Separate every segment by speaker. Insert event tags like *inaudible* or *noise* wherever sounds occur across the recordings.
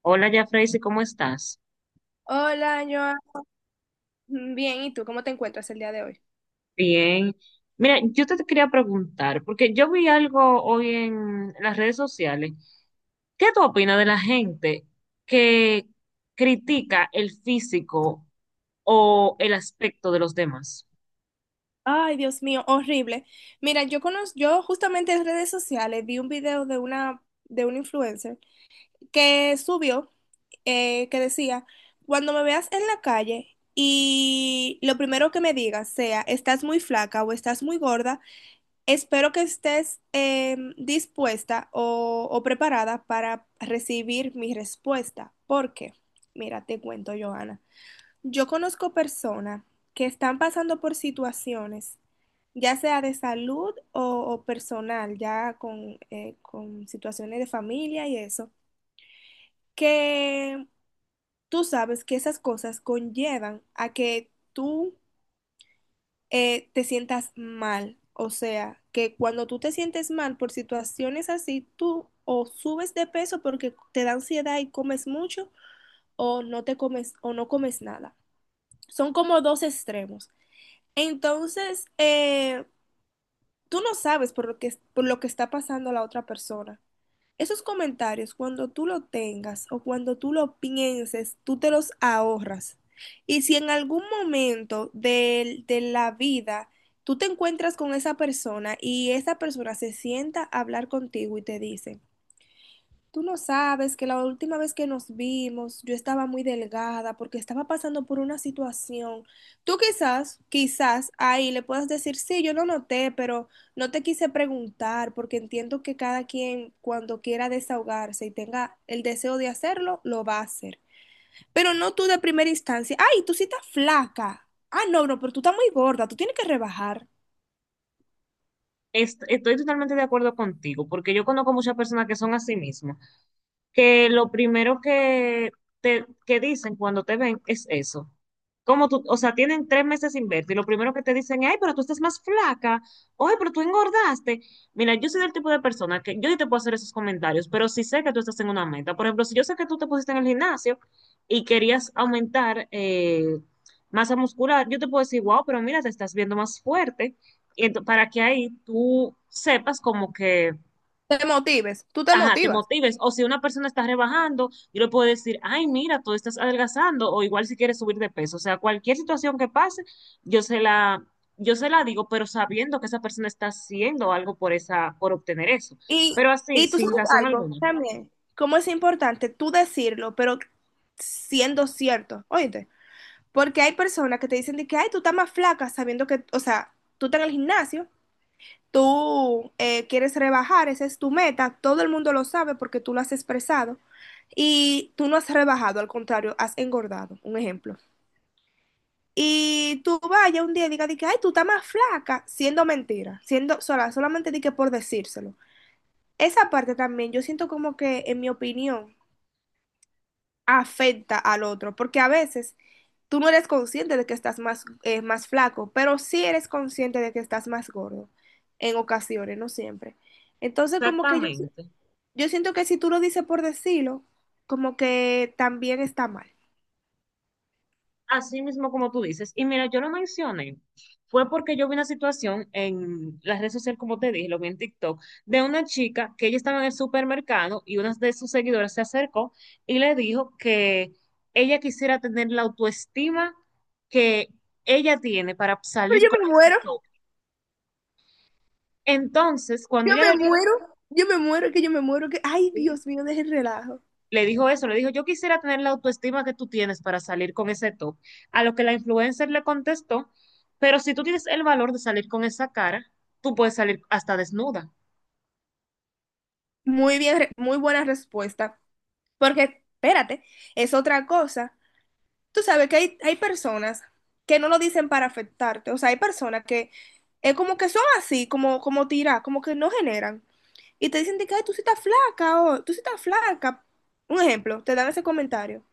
Speaker 1: Hola, ya Freysi, ¿cómo estás?
Speaker 2: Hola, Joan. Bien, ¿y tú cómo te encuentras el día de hoy?
Speaker 1: Bien. Mira, yo te quería preguntar, porque yo vi algo hoy en las redes sociales. ¿Qué tú opinas de la gente que critica el físico o el aspecto de los demás?
Speaker 2: Ay, Dios mío, horrible. Mira, yo justamente en redes sociales vi un video de un influencer que subió, que decía, cuando me veas en la calle y lo primero que me digas sea, estás muy flaca o estás muy gorda, espero que estés dispuesta o preparada para recibir mi respuesta. ¿Por qué? Mira, te cuento, Joana. Yo conozco personas que están pasando por situaciones, ya sea de salud o personal, ya con situaciones de familia y eso, que tú sabes que esas cosas conllevan a que tú te sientas mal. O sea, que cuando tú te sientes mal por situaciones así, tú o subes de peso porque te da ansiedad y comes mucho, o no te comes, o no comes nada. Son como dos extremos. Entonces, tú no sabes por lo que está pasando la otra persona. Esos comentarios, cuando tú lo tengas o cuando tú lo pienses, tú te los ahorras. Y si en algún momento de la vida tú te encuentras con esa persona y esa persona se sienta a hablar contigo y te dice, tú no sabes que la última vez que nos vimos yo estaba muy delgada porque estaba pasando por una situación. Tú quizás ahí le puedas decir, sí, yo lo noté, pero no te quise preguntar porque entiendo que cada quien cuando quiera desahogarse y tenga el deseo de hacerlo, lo va a hacer. Pero no tú de primera instancia, ay, tú sí estás flaca. Ah, no, no, pero tú estás muy gorda, tú tienes que rebajar.
Speaker 1: Estoy totalmente de acuerdo contigo, porque yo conozco muchas personas que son así mismas, que lo primero que te que dicen cuando te ven es eso. Como tú, o sea, tienen 3 meses sin verte y lo primero que te dicen es, ay, pero tú estás más flaca, ay, pero tú engordaste. Mira, yo soy del tipo de persona que yo sí te puedo hacer esos comentarios, pero si sé que tú estás en una meta. Por ejemplo, si yo sé que tú te pusiste en el gimnasio y querías aumentar masa muscular. Yo te puedo decir, wow, pero mira, te estás viendo más fuerte para que ahí tú sepas como que,
Speaker 2: Te motives, tú te
Speaker 1: ajá, te
Speaker 2: motivas.
Speaker 1: motives. O si una persona está rebajando, yo le puedo decir, ay, mira, tú estás adelgazando, o igual si quieres subir de peso. O sea, cualquier situación que pase, yo se la, yo se la digo, pero sabiendo que esa persona está haciendo algo por esa, por obtener eso.
Speaker 2: Y,
Speaker 1: Pero así,
Speaker 2: y tú
Speaker 1: sin
Speaker 2: sabes
Speaker 1: razón
Speaker 2: algo
Speaker 1: alguna.
Speaker 2: también, cómo es importante tú decirlo, pero siendo cierto, oíste, porque hay personas que te dicen de que, ay, tú estás más flaca sabiendo que, o sea, tú estás en el gimnasio, tú quieres rebajar, esa es tu meta, todo el mundo lo sabe porque tú lo has expresado y tú no has rebajado, al contrario, has engordado, un ejemplo. Y tú vayas un día y digas de que, ay, tú estás más flaca, siendo mentira, siendo sola, solamente di que por decírselo. Esa parte también, yo siento como que, en mi opinión, afecta al otro, porque a veces tú no eres consciente de que estás más, más flaco, pero sí eres consciente de que estás más gordo, en ocasiones, no siempre. Entonces, como que
Speaker 1: Exactamente.
Speaker 2: yo siento que si tú lo dices por decirlo, como que también está mal.
Speaker 1: Así mismo como tú dices. Y mira, yo lo mencioné. Fue porque yo vi una situación en las redes sociales, como te dije, lo vi en TikTok, de una chica que ella estaba en el supermercado y una de sus seguidoras se acercó y le dijo que ella quisiera tener la autoestima que ella tiene para
Speaker 2: Pero
Speaker 1: salir
Speaker 2: yo
Speaker 1: con
Speaker 2: me
Speaker 1: ese
Speaker 2: muero,
Speaker 1: top. Entonces, cuando
Speaker 2: yo
Speaker 1: ella le
Speaker 2: me
Speaker 1: dijo,
Speaker 2: muero, yo me muero, que yo me muero, que, ay,
Speaker 1: sí,
Speaker 2: Dios mío, deje el relajo.
Speaker 1: le dijo eso, le dijo, yo quisiera tener la autoestima que tú tienes para salir con ese top. A lo que la influencer le contestó, pero si tú tienes el valor de salir con esa cara, tú puedes salir hasta desnuda.
Speaker 2: Muy bien, muy buena respuesta, porque, espérate, es otra cosa. Tú sabes que hay personas que no lo dicen para afectarte, o sea, hay personas que es como que son así, como, como tiras, como que no generan. Y te dicen de que "ay, tú sí estás flaca o tú sí estás flaca". Un ejemplo, te dan ese comentario.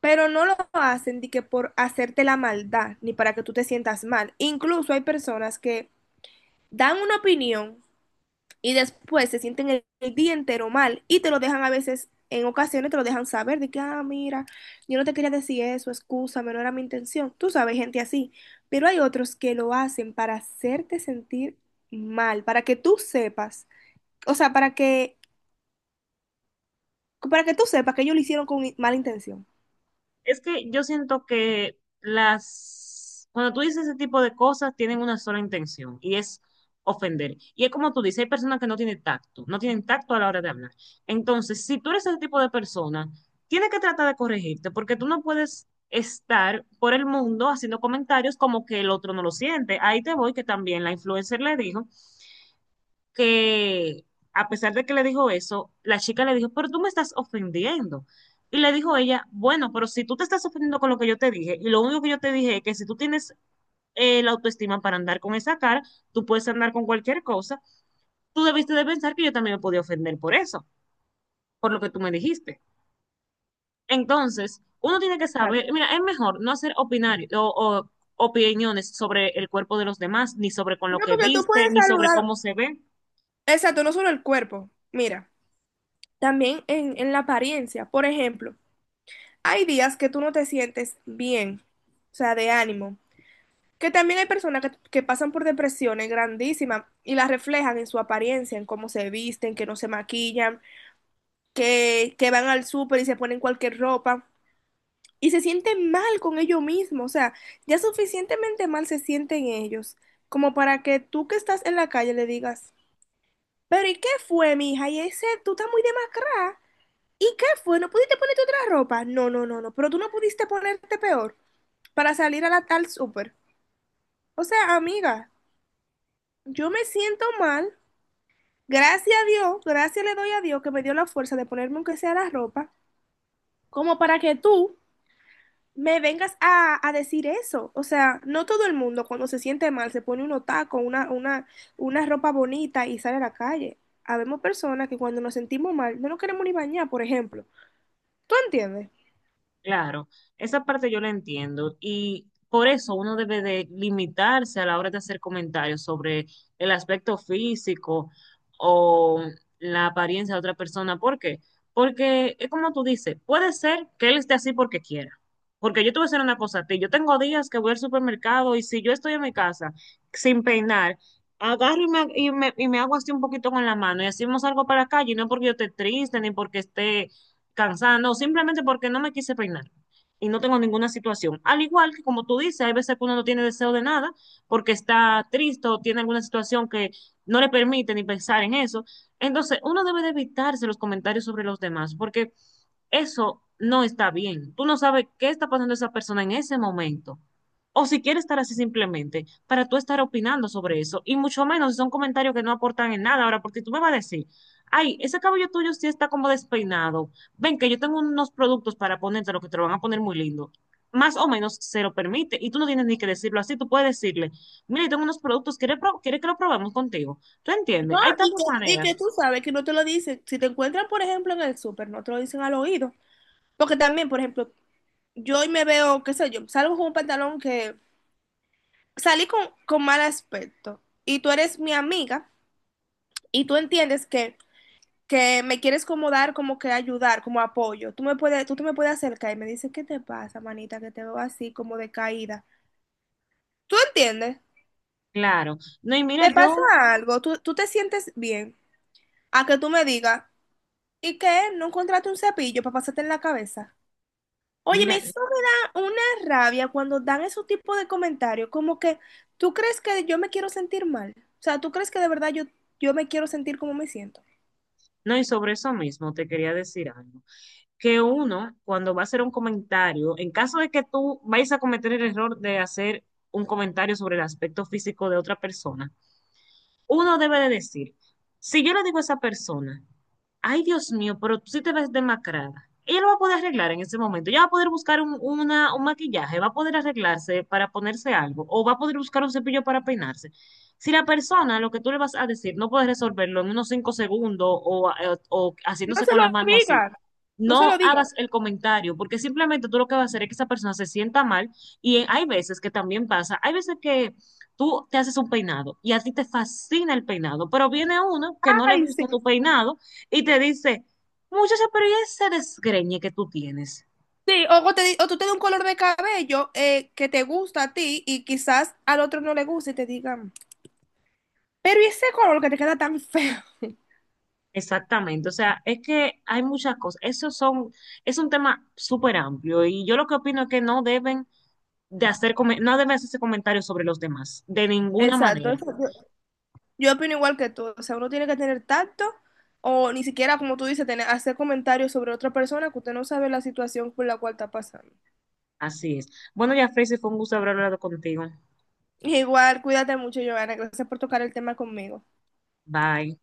Speaker 2: Pero no lo hacen de que por hacerte la maldad, ni para que tú te sientas mal. Incluso hay personas que dan una opinión y después se sienten el día entero mal y te lo dejan a veces, en ocasiones te lo dejan saber de que, ah, mira, yo no te quería decir eso, excúsame, no era mi intención. Tú sabes, gente así, pero hay otros que lo hacen para hacerte sentir mal, para que tú sepas, o sea, para que tú sepas que ellos lo hicieron con mala intención.
Speaker 1: Es que yo siento que las, cuando tú dices ese tipo de cosas, tienen una sola intención y es ofender. Y es como tú dices, hay personas que no tienen tacto, no tienen tacto a la hora de hablar. Entonces, si tú eres ese tipo de persona, tienes que tratar de corregirte porque tú no puedes estar por el mundo haciendo comentarios como que el otro no lo siente. Ahí te voy, que también la influencer le dijo que a pesar de que le dijo eso, la chica le dijo, pero tú me estás ofendiendo. Y le dijo ella, bueno, pero si tú te estás ofendiendo con lo que yo te dije, y lo único que yo te dije es que si tú tienes la autoestima para andar con esa cara, tú puedes andar con cualquier cosa, tú debiste de pensar que yo también me podía ofender por eso, por lo que tú me dijiste. Entonces, uno tiene que saber,
Speaker 2: Claro.
Speaker 1: mira, es mejor no hacer opinar o opiniones sobre el cuerpo de los demás, ni sobre con lo
Speaker 2: No,
Speaker 1: que
Speaker 2: porque tú
Speaker 1: viste,
Speaker 2: puedes
Speaker 1: ni sobre cómo
Speaker 2: saludar.
Speaker 1: se ve.
Speaker 2: Exacto, no solo el cuerpo. Mira, también en la apariencia. Por ejemplo, hay días que tú no te sientes bien, o sea, de ánimo. Que también hay personas que pasan por depresiones grandísimas y las reflejan en su apariencia, en cómo se visten, que no se maquillan, que van al súper y se ponen cualquier ropa y se sienten mal con ellos mismos. O sea, ya suficientemente mal se sienten ellos como para que tú que estás en la calle le digas, pero ¿y qué fue, mija? Y ese, tú estás muy demacrada. ¿Y qué fue? ¿No pudiste ponerte otra ropa? No, no, no, no, pero tú no pudiste ponerte peor para salir a la tal súper. O sea, amiga, yo me siento mal. Gracias a Dios, gracias le doy a Dios que me dio la fuerza de ponerme aunque sea la ropa, como para que tú me vengas a decir eso. O sea, no todo el mundo cuando se siente mal se pone unos tacos, una ropa bonita y sale a la calle. Habemos personas que cuando nos sentimos mal no nos queremos ni bañar, por ejemplo. ¿Tú entiendes?
Speaker 1: Claro, esa parte yo la entiendo y por eso uno debe de limitarse a la hora de hacer comentarios sobre el aspecto físico o la apariencia de otra persona. ¿Por qué? Porque es como tú dices, puede ser que él esté así porque quiera. Porque yo te voy a hacer una cosa a ti, yo tengo días que voy al supermercado y si yo estoy en mi casa sin peinar, agarro y me hago así un poquito con la mano y hacemos algo para la calle, y no porque yo esté triste ni porque esté cansada, no, simplemente porque no me quise peinar y no tengo ninguna situación. Al igual que como tú dices, hay veces que uno no tiene deseo de nada porque está triste o tiene alguna situación que no le permite ni pensar en eso. Entonces, uno debe de evitarse los comentarios sobre los demás porque eso no está bien. Tú no sabes qué está pasando esa persona en ese momento. O si quiere estar así simplemente, para tú estar opinando sobre eso. Y mucho menos si son comentarios que no aportan en nada. Ahora, porque tú me vas a decir, ay, ese cabello tuyo sí está como despeinado, ven que yo tengo unos productos para ponerte, lo que te lo van a poner muy lindo. Más o menos se lo permite y tú no tienes ni que decirlo así, tú puedes decirle, mire, tengo unos productos, ¿quieres, quieres que lo probemos contigo? ¿Tú entiendes?
Speaker 2: No,
Speaker 1: Hay tantas
Speaker 2: y que
Speaker 1: maneras,
Speaker 2: tú sabes que no te lo dicen. Si te encuentran, por ejemplo, en el súper, no te lo dicen al oído. Porque también, por ejemplo, yo hoy me veo, qué sé yo, salgo con un pantalón que salí con mal aspecto y tú eres mi amiga y tú entiendes que me quieres como dar, como que ayudar, como apoyo. Tú te me puedes acercar y me dices, ¿qué te pasa, manita? Que te veo así como decaída. ¿Tú entiendes?
Speaker 1: claro. No, y mira,
Speaker 2: ¿Te pasa
Speaker 1: yo,
Speaker 2: algo? ¿Tú te sientes bien? A que tú me digas, ¿y qué? ¿No encontraste un cepillo para pasarte en la cabeza? Oye, me
Speaker 1: mira,
Speaker 2: eso me da una rabia cuando dan esos tipos de comentarios, como que tú crees que yo me quiero sentir mal. O sea, tú crees que de verdad yo me quiero sentir como me siento.
Speaker 1: no, y sobre eso mismo te quería decir algo, que uno cuando va a hacer un comentario, en caso de que tú vayas a cometer el error de hacer un comentario sobre el aspecto físico de otra persona, uno debe de decir, si yo le digo a esa persona, ay Dios mío, pero tú sí te ves demacrada, ella lo va a poder arreglar en ese momento, ella va a poder buscar un, una- un maquillaje, va a poder arreglarse para ponerse algo, o va a poder buscar un cepillo para peinarse. Si la persona, lo que tú le vas a decir, no puede resolverlo en unos 5 segundos o, o
Speaker 2: No
Speaker 1: haciéndose
Speaker 2: se
Speaker 1: con
Speaker 2: lo
Speaker 1: las manos así,
Speaker 2: digas, no se
Speaker 1: no
Speaker 2: lo digas.
Speaker 1: hagas el comentario, porque simplemente tú lo que vas a hacer es que esa persona se sienta mal y hay veces que también pasa, hay veces que tú te haces un peinado y a ti te fascina el peinado, pero viene uno que no le
Speaker 2: Ay, sí.
Speaker 1: gusta tu peinado y te dice, muchacha, pero ¿y ese desgreñe que tú tienes?
Speaker 2: Sí, o tú te das un color de cabello que te gusta a ti y quizás al otro no le guste y te digan, pero ¿y ese color que te queda tan feo? *laughs*
Speaker 1: Exactamente, o sea, es que hay muchas cosas, esos son, es un tema súper amplio y yo lo que opino es que no deben de hacer, no deben hacerse comentarios sobre los demás, de ninguna
Speaker 2: Exacto,
Speaker 1: manera,
Speaker 2: eso, yo opino igual que tú, o sea, uno tiene que tener tacto o ni siquiera, como tú dices, tener, hacer comentarios sobre otra persona que usted no sabe la situación por la cual está pasando.
Speaker 1: así es. Bueno, ya, Tracy, fue un gusto haber hablado contigo,
Speaker 2: Igual, cuídate mucho, Giovanna, gracias por tocar el tema conmigo.
Speaker 1: bye.